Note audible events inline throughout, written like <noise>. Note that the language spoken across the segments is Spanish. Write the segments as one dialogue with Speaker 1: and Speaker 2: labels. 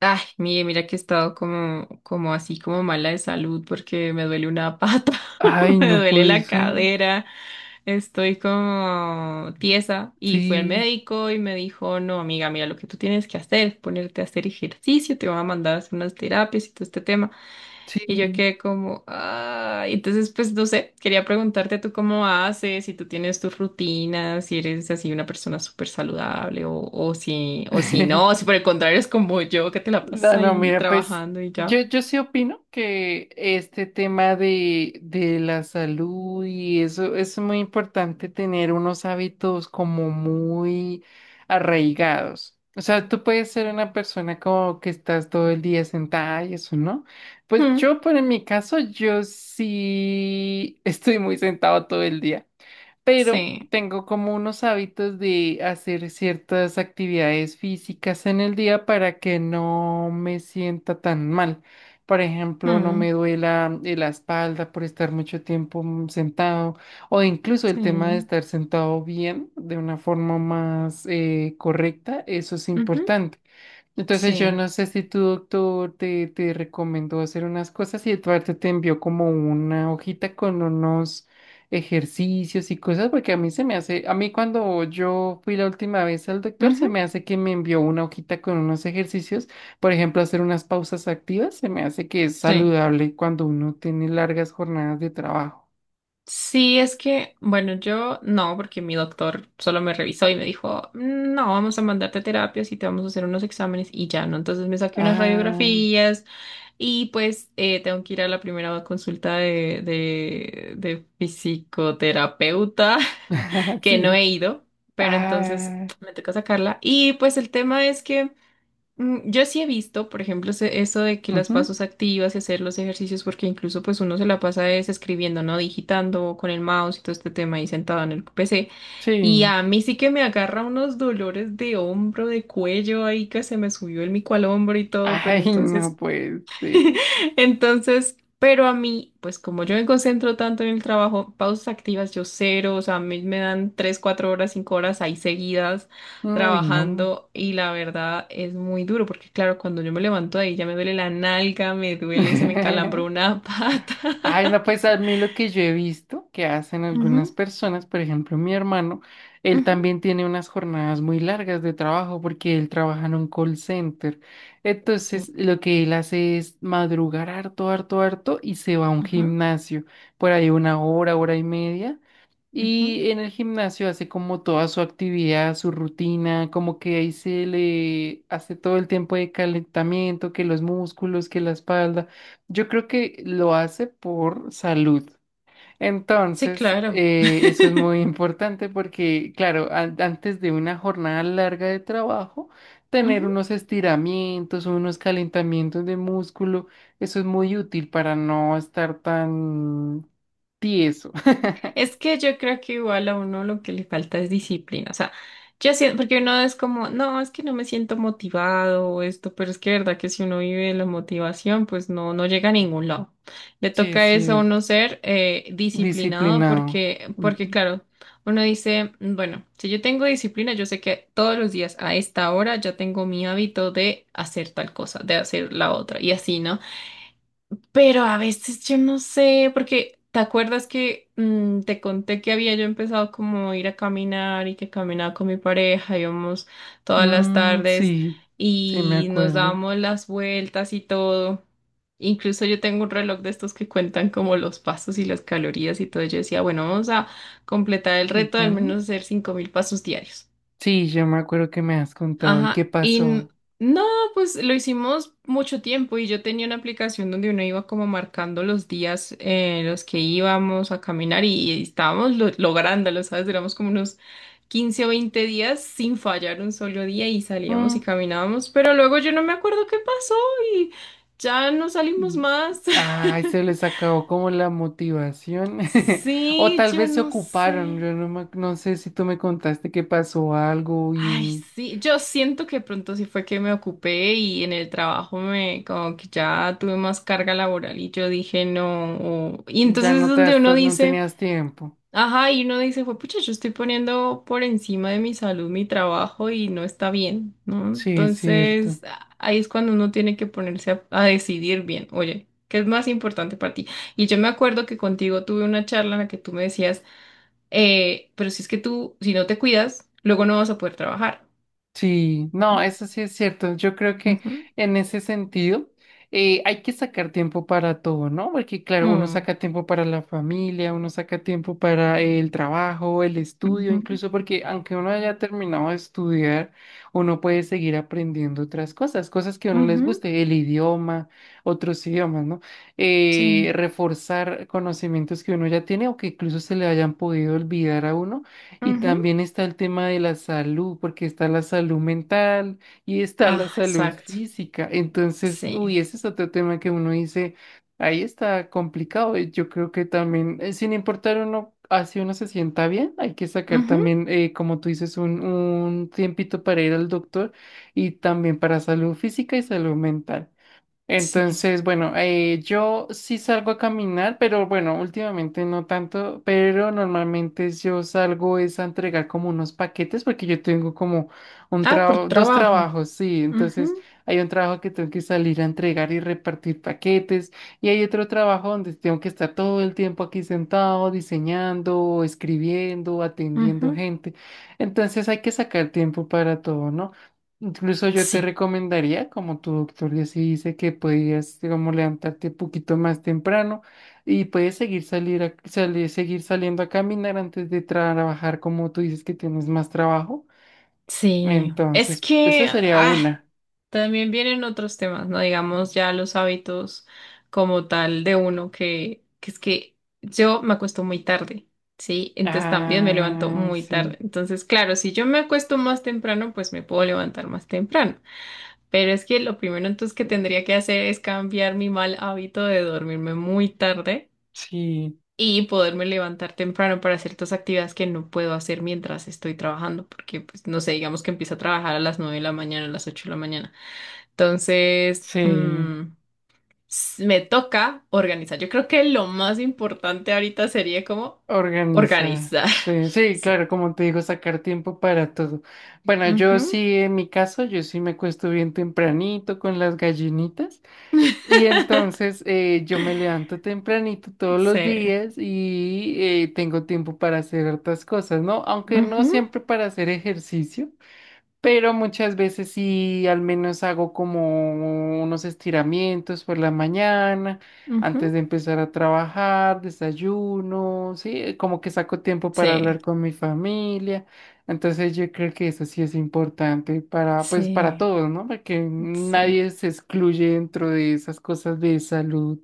Speaker 1: Ay, mire, mira que he estado como así, como mala de salud porque me duele una pata,
Speaker 2: Ay,
Speaker 1: <laughs> me
Speaker 2: no
Speaker 1: duele
Speaker 2: puede
Speaker 1: la
Speaker 2: ser.
Speaker 1: cadera, estoy como tiesa y fui al
Speaker 2: Sí,
Speaker 1: médico y me dijo, no, amiga, mira, lo que tú tienes que hacer es ponerte a hacer ejercicio, te van a mandar a hacer unas terapias y todo este tema. Y yo
Speaker 2: sí.
Speaker 1: quedé como, ah, entonces pues no sé, quería preguntarte tú cómo haces, si tú tienes tus rutinas, si eres así una persona súper saludable o si no, si por el
Speaker 2: <laughs>
Speaker 1: contrario es como yo que te la pasas
Speaker 2: No, no,
Speaker 1: ahí
Speaker 2: mira, pues
Speaker 1: trabajando y ya.
Speaker 2: yo sí opino que este tema de la salud y eso es muy importante tener unos hábitos como muy arraigados. O sea, tú puedes ser una persona como que estás todo el día sentada y eso, ¿no? Pues
Speaker 1: Mm,
Speaker 2: yo, por en mi caso, yo sí <laughs> estoy muy sentado todo el día. Pero
Speaker 1: sí,
Speaker 2: tengo como unos hábitos de hacer ciertas actividades físicas en el día para que no me sienta tan mal. Por ejemplo, no
Speaker 1: mm,
Speaker 2: me duela la espalda por estar mucho tiempo sentado, o incluso el tema de
Speaker 1: sí,
Speaker 2: estar sentado bien de una forma más correcta, eso es
Speaker 1: ujú,
Speaker 2: importante. Entonces yo
Speaker 1: sí,
Speaker 2: no sé si tu doctor te, te recomendó hacer unas cosas y Eduardo te envió como una hojita con unos ejercicios y cosas, porque a mí se me hace, a mí cuando yo fui la última vez al doctor,
Speaker 1: ujú,
Speaker 2: se me hace que me envió una hojita con unos ejercicios, por ejemplo, hacer unas pausas activas, se me hace que es
Speaker 1: sí.
Speaker 2: saludable cuando uno tiene largas jornadas de trabajo.
Speaker 1: Sí, es que, bueno, yo no, porque mi doctor solo me revisó y me dijo, "Mm, no, vamos a mandarte a terapias y te vamos a hacer unos exámenes y ya, ¿no?" Entonces me saqué unas
Speaker 2: Ah,
Speaker 1: radiografías. Y pues tengo que ir a la primera consulta de psicoterapeuta, <laughs>
Speaker 2: <laughs>
Speaker 1: que no
Speaker 2: sí.
Speaker 1: he ido, pero entonces
Speaker 2: Ah,
Speaker 1: me toca sacarla. Y pues el tema es que mm, yo sí he visto, por ejemplo, eso de que las
Speaker 2: ujú,
Speaker 1: pasos activas y hacer los ejercicios, porque incluso pues uno se la pasa es escribiendo, ¿no? Digitando con el mouse y todo este tema ahí sentado en el PC. Y
Speaker 2: sí.
Speaker 1: a mí sí que me agarra unos dolores de hombro, de cuello ahí que se me subió el mico al hombro y todo, pero
Speaker 2: Ay,
Speaker 1: entonces...
Speaker 2: no puede ser.
Speaker 1: <laughs> Entonces, pero a mí, pues como yo me concentro tanto en el trabajo, pausas activas yo cero, o sea, a mí me dan 3, 4 horas, 5 horas ahí seguidas
Speaker 2: No, y no.
Speaker 1: trabajando y la verdad es muy duro porque claro, cuando yo me levanto de ahí ya me duele la nalga, me duele, se me encalambró
Speaker 2: <laughs>
Speaker 1: una <laughs> pata.
Speaker 2: Ay, no, pues a mí lo que yo he visto que hacen algunas
Speaker 1: Ujú,
Speaker 2: personas, por ejemplo, mi hermano, él
Speaker 1: ujú.
Speaker 2: también tiene unas jornadas muy largas de trabajo porque él trabaja en un call center.
Speaker 1: Sí,
Speaker 2: Entonces, lo que él hace es madrugar harto, harto, harto y se va a un
Speaker 1: ajá,
Speaker 2: gimnasio por ahí una hora, hora y media
Speaker 1: ujú.
Speaker 2: y en el gimnasio hace como toda su actividad, su rutina, como que ahí se le hace todo el tiempo de calentamiento, que los músculos, que la espalda. Yo creo que lo hace por salud.
Speaker 1: Sí,
Speaker 2: Entonces,
Speaker 1: claro.
Speaker 2: eso es muy <laughs> importante porque, claro, antes de una jornada larga de trabajo, tener unos estiramientos, unos calentamientos de músculo, eso es muy útil para no estar tan tieso. <laughs>
Speaker 1: Es que yo creo que igual a uno lo que le falta es disciplina. O sea, yo siento, porque uno es como, no, es que no me siento motivado o esto, pero es que verdad que si uno vive la motivación, pues no, no llega a ningún lado. Le
Speaker 2: Sí,
Speaker 1: toca
Speaker 2: es
Speaker 1: eso a uno
Speaker 2: cierto.
Speaker 1: ser disciplinado
Speaker 2: Disciplinado.
Speaker 1: porque, porque
Speaker 2: Ujú.
Speaker 1: claro, uno dice, bueno, si yo tengo disciplina, yo sé que todos los días a esta hora ya tengo mi hábito de hacer tal cosa, de hacer la otra, y así, ¿no? Pero a veces yo no sé, porque ¿te acuerdas que te conté que había yo empezado como a ir a caminar y que caminaba con mi pareja, íbamos todas las
Speaker 2: Mm,
Speaker 1: tardes
Speaker 2: sí, sí, me
Speaker 1: y nos
Speaker 2: acuerdo.
Speaker 1: dábamos las vueltas y todo? Incluso yo tengo un reloj de estos que cuentan como los pasos y las calorías y todo. Yo decía, bueno, vamos a completar el reto de al menos
Speaker 2: Ujú.
Speaker 1: hacer 5.000 pasos diarios.
Speaker 2: Sí, yo me acuerdo que me has contado. ¿Y qué
Speaker 1: Ajá,
Speaker 2: pasó?
Speaker 1: no, pues lo hicimos mucho tiempo y yo tenía una aplicación donde uno iba como marcando los días en los que íbamos a caminar y estábamos lográndolo, ¿sabes? Duramos como unos 15 o 20 días sin fallar un solo día y salíamos y
Speaker 2: Mm,
Speaker 1: caminábamos, pero luego yo no me acuerdo qué pasó y ya no salimos
Speaker 2: mm.
Speaker 1: más.
Speaker 2: Ay,
Speaker 1: <laughs>
Speaker 2: se les acabó como la motivación. <laughs> O
Speaker 1: Sí,
Speaker 2: tal
Speaker 1: yo
Speaker 2: vez se
Speaker 1: no sé.
Speaker 2: ocuparon. Yo no, no sé si tú me contaste que pasó algo
Speaker 1: Ay,
Speaker 2: y
Speaker 1: sí, yo siento que pronto sí fue que me ocupé y en el trabajo me como que ya tuve más carga laboral y yo dije no. Y
Speaker 2: ya
Speaker 1: entonces es
Speaker 2: no te
Speaker 1: donde uno
Speaker 2: hasta, no
Speaker 1: dice,
Speaker 2: tenías tiempo.
Speaker 1: ajá, y uno dice, pues pucha, yo estoy poniendo por encima de mi salud mi trabajo y no está bien, ¿no?
Speaker 2: Sí, es cierto.
Speaker 1: Entonces ahí es cuando uno tiene que ponerse a decidir bien, oye, ¿qué es más importante para ti? Y yo me acuerdo que contigo tuve una charla en la que tú me decías, pero si es que tú, si no te cuidas, luego no vas a poder trabajar.
Speaker 2: Sí,
Speaker 1: ¿No?
Speaker 2: no, eso sí es cierto. Yo creo que
Speaker 1: Ujú,
Speaker 2: en ese sentido hay que sacar tiempo para todo, ¿no? Porque claro, uno
Speaker 1: mm,
Speaker 2: saca tiempo para la familia, uno saca tiempo para el trabajo, el estudio,
Speaker 1: ujú,
Speaker 2: incluso porque aunque uno haya terminado de estudiar, uno puede seguir aprendiendo otras cosas, cosas que a uno les
Speaker 1: ujú,
Speaker 2: guste, el idioma, otros idiomas, ¿no?
Speaker 1: sí.
Speaker 2: Reforzar conocimientos que uno ya tiene o que incluso se le hayan podido olvidar a uno y
Speaker 1: Ujú.
Speaker 2: también está el tema de la salud, porque está la salud mental y está la
Speaker 1: Ah,
Speaker 2: salud
Speaker 1: exacto.
Speaker 2: física. Entonces,
Speaker 1: Sí.
Speaker 2: uy, ese es otro tema que uno dice, ahí está complicado. Y yo creo que también, sin importar uno, así uno se sienta bien, hay que sacar
Speaker 1: Ujú,
Speaker 2: también, como tú dices, un tiempito para ir al doctor y también para salud física y salud mental.
Speaker 1: sí.
Speaker 2: Entonces, bueno, yo sí salgo a caminar, pero bueno, últimamente no tanto, pero normalmente yo salgo es a entregar como unos paquetes porque yo tengo como un
Speaker 1: Ah, por tu
Speaker 2: trabajo, dos
Speaker 1: trabajo.
Speaker 2: trabajos, sí, entonces hay un trabajo que tengo que salir a entregar y repartir paquetes y hay otro trabajo donde tengo que estar todo el tiempo aquí sentado diseñando, escribiendo,
Speaker 1: Ujú,
Speaker 2: atendiendo
Speaker 1: ujú.
Speaker 2: gente, entonces hay que sacar tiempo para todo, ¿no? Incluso yo te
Speaker 1: Sí.
Speaker 2: recomendaría, como tu doctor ya sí dice, que podías como levantarte un poquito más temprano y puedes seguir seguir saliendo a caminar antes de trabajar, como tú dices que tienes más trabajo.
Speaker 1: Sí. Es
Speaker 2: Entonces,
Speaker 1: que
Speaker 2: esa sería
Speaker 1: ah,
Speaker 2: una.
Speaker 1: también vienen otros temas, ¿no? Digamos ya los hábitos como tal de uno que es que yo me acuesto muy tarde. Sí, entonces también me levanto
Speaker 2: Ah,
Speaker 1: muy tarde.
Speaker 2: sí,
Speaker 1: Entonces, claro, si yo me acuesto más temprano, pues me puedo levantar más temprano. Pero es que lo primero entonces que tendría que hacer es cambiar mi mal hábito de dormirme muy tarde
Speaker 2: sí,
Speaker 1: y poderme levantar temprano para ciertas actividades que no puedo hacer mientras estoy trabajando, porque pues no sé, digamos que empiezo a trabajar a las 9 de la mañana, a las 8 de la mañana. Entonces,
Speaker 2: sí.
Speaker 1: mm, me toca organizar. Yo creo que lo más importante ahorita sería como
Speaker 2: Organiza.
Speaker 1: organizar.
Speaker 2: Sí,
Speaker 1: <laughs>
Speaker 2: sí,
Speaker 1: Sí.
Speaker 2: claro, como te digo, sacar tiempo para todo. Bueno, yo
Speaker 1: Ujú.
Speaker 2: sí, en mi caso, yo sí me acuesto bien tempranito con las gallinitas. Y entonces yo me levanto tempranito todos
Speaker 1: Sí.
Speaker 2: los días y tengo tiempo para hacer otras cosas, ¿no? Aunque no
Speaker 1: Ujú,
Speaker 2: siempre para hacer ejercicio, pero muchas veces sí, al menos hago como unos estiramientos por la mañana,
Speaker 1: ujú.
Speaker 2: antes de empezar a trabajar, desayuno, sí, como que saco tiempo para
Speaker 1: Sí,
Speaker 2: hablar con mi familia. Entonces yo creo que eso sí es importante para, pues, para
Speaker 1: sí,
Speaker 2: todos, ¿no? Porque nadie se excluye dentro de esas cosas de salud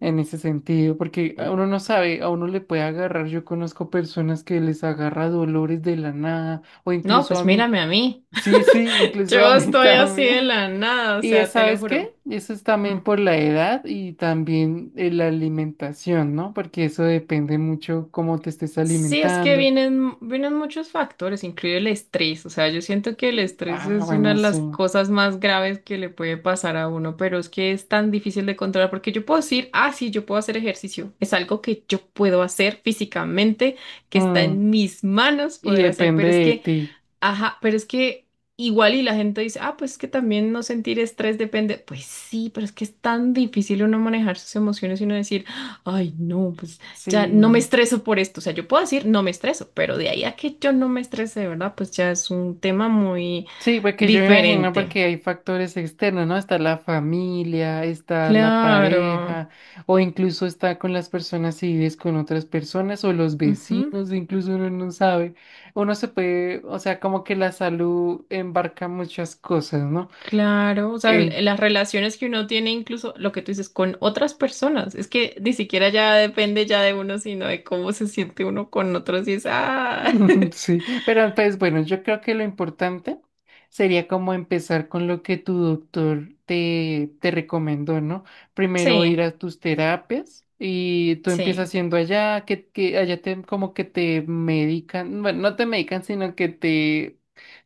Speaker 2: en ese sentido, porque
Speaker 1: sí.
Speaker 2: a uno no sabe, a uno le puede agarrar. Yo conozco personas que les agarra dolores de la nada, o
Speaker 1: No,
Speaker 2: incluso
Speaker 1: pues
Speaker 2: a mí.
Speaker 1: mírame a mí.
Speaker 2: Sí, sí, incluso a
Speaker 1: Yo
Speaker 2: mí <laughs>
Speaker 1: estoy así de
Speaker 2: también.
Speaker 1: la nada, o
Speaker 2: Y es,
Speaker 1: sea, te lo
Speaker 2: ¿sabes
Speaker 1: juro.
Speaker 2: qué? Eso es
Speaker 1: Mm.
Speaker 2: también por la edad y también la alimentación, ¿no? Porque eso depende mucho cómo te estés
Speaker 1: Sí, es que
Speaker 2: alimentando.
Speaker 1: vienen, vienen muchos factores, incluye el estrés. O sea, yo siento que el estrés
Speaker 2: Ah,
Speaker 1: es una de
Speaker 2: bueno, sí.
Speaker 1: las cosas más graves que le puede pasar a uno, pero es que es tan difícil de controlar porque yo puedo decir, ah, sí, yo puedo hacer ejercicio. Es algo que yo puedo hacer físicamente, que está
Speaker 2: Mm,
Speaker 1: en mis manos
Speaker 2: y
Speaker 1: poder hacer,
Speaker 2: depende
Speaker 1: pero es
Speaker 2: de
Speaker 1: que...
Speaker 2: ti.
Speaker 1: Ajá, pero es que igual y la gente dice, ah, pues es que también no sentir estrés depende. Pues sí, pero es que es tan difícil uno manejar sus emociones y uno decir, ay, no, pues ya no me
Speaker 2: Sí.
Speaker 1: estreso por esto. O sea, yo puedo decir no me estreso, pero de ahí a que yo no me estrese, de ¿verdad? Pues ya es un tema muy
Speaker 2: Sí, porque yo me imagino
Speaker 1: diferente.
Speaker 2: porque hay factores externos, ¿no? Está la familia, está la
Speaker 1: Claro.
Speaker 2: pareja, o incluso está con las personas si vives con otras personas, o los
Speaker 1: Ujú.
Speaker 2: vecinos, incluso uno no sabe. Uno se puede, o sea, como que la salud embarca muchas cosas, ¿no?
Speaker 1: Claro, o sea, las relaciones que uno tiene incluso lo que tú dices con otras personas, es que ni siquiera ya depende ya de uno, sino de cómo se siente uno con otros y es, ah,
Speaker 2: <laughs>
Speaker 1: <laughs>
Speaker 2: Sí, pero pues bueno, yo creo que lo importante sería como empezar con lo que tu doctor te, te recomendó, ¿no? Primero ir
Speaker 1: sí,
Speaker 2: a tus terapias y tú empiezas
Speaker 1: sí,
Speaker 2: haciendo allá, que allá te, como que te medican, bueno, no te medican, sino que te,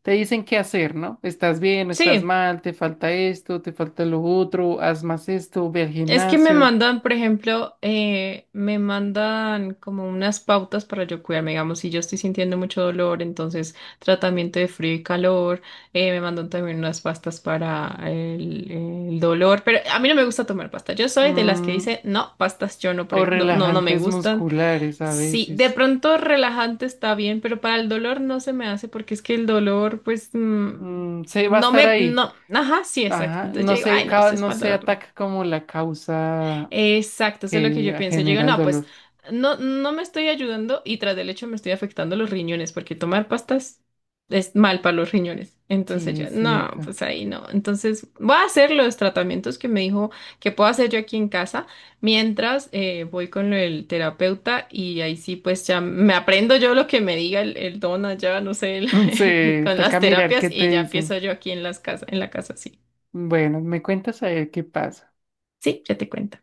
Speaker 2: te dicen qué hacer, ¿no? Estás bien, estás
Speaker 1: sí.
Speaker 2: mal, te falta esto, te falta lo otro, haz más esto, ve al
Speaker 1: Es que me
Speaker 2: gimnasio,
Speaker 1: mandan, por ejemplo, me mandan como unas pautas para yo cuidarme, digamos, si yo estoy sintiendo mucho dolor, entonces tratamiento de frío y calor, me mandan también unas pastas para el dolor, pero a mí no me gusta tomar pasta, yo soy de las que
Speaker 2: mm,
Speaker 1: dice, no, pastas yo no,
Speaker 2: o
Speaker 1: no, no, no me
Speaker 2: relajantes
Speaker 1: gustan.
Speaker 2: musculares a
Speaker 1: Sí, de
Speaker 2: veces.
Speaker 1: pronto relajante está bien, pero para el dolor no se me hace porque es que el dolor, pues, mm,
Speaker 2: Mm, se va a
Speaker 1: no
Speaker 2: estar
Speaker 1: me,
Speaker 2: ahí.
Speaker 1: no, ajá, sí, exacto.
Speaker 2: Ajá,
Speaker 1: Entonces yo digo, ay, no, si es
Speaker 2: no
Speaker 1: para el
Speaker 2: se
Speaker 1: dolor, no.
Speaker 2: ataca como la causa
Speaker 1: Exacto, eso es lo que yo
Speaker 2: que
Speaker 1: pienso. Yo digo,
Speaker 2: genera el
Speaker 1: no, pues
Speaker 2: dolor.
Speaker 1: no, no me estoy ayudando y tras del hecho me estoy afectando los riñones porque tomar pastas es mal para los riñones. Entonces
Speaker 2: Sí,
Speaker 1: yo,
Speaker 2: es
Speaker 1: no,
Speaker 2: cierto. <laughs>
Speaker 1: pues ahí no. Entonces voy a hacer los tratamientos que me dijo que puedo hacer yo aquí en casa mientras voy con el terapeuta y ahí sí, pues ya me aprendo yo lo que me diga el don allá, no sé,
Speaker 2: Mm,
Speaker 1: <laughs>
Speaker 2: se
Speaker 1: con las
Speaker 2: toca mirar
Speaker 1: terapias
Speaker 2: qué te
Speaker 1: y ya empiezo
Speaker 2: dicen.
Speaker 1: yo aquí en las casas, en la casa, sí.
Speaker 2: Bueno, me cuentas a ver qué pasa.
Speaker 1: Sí, ya te cuento.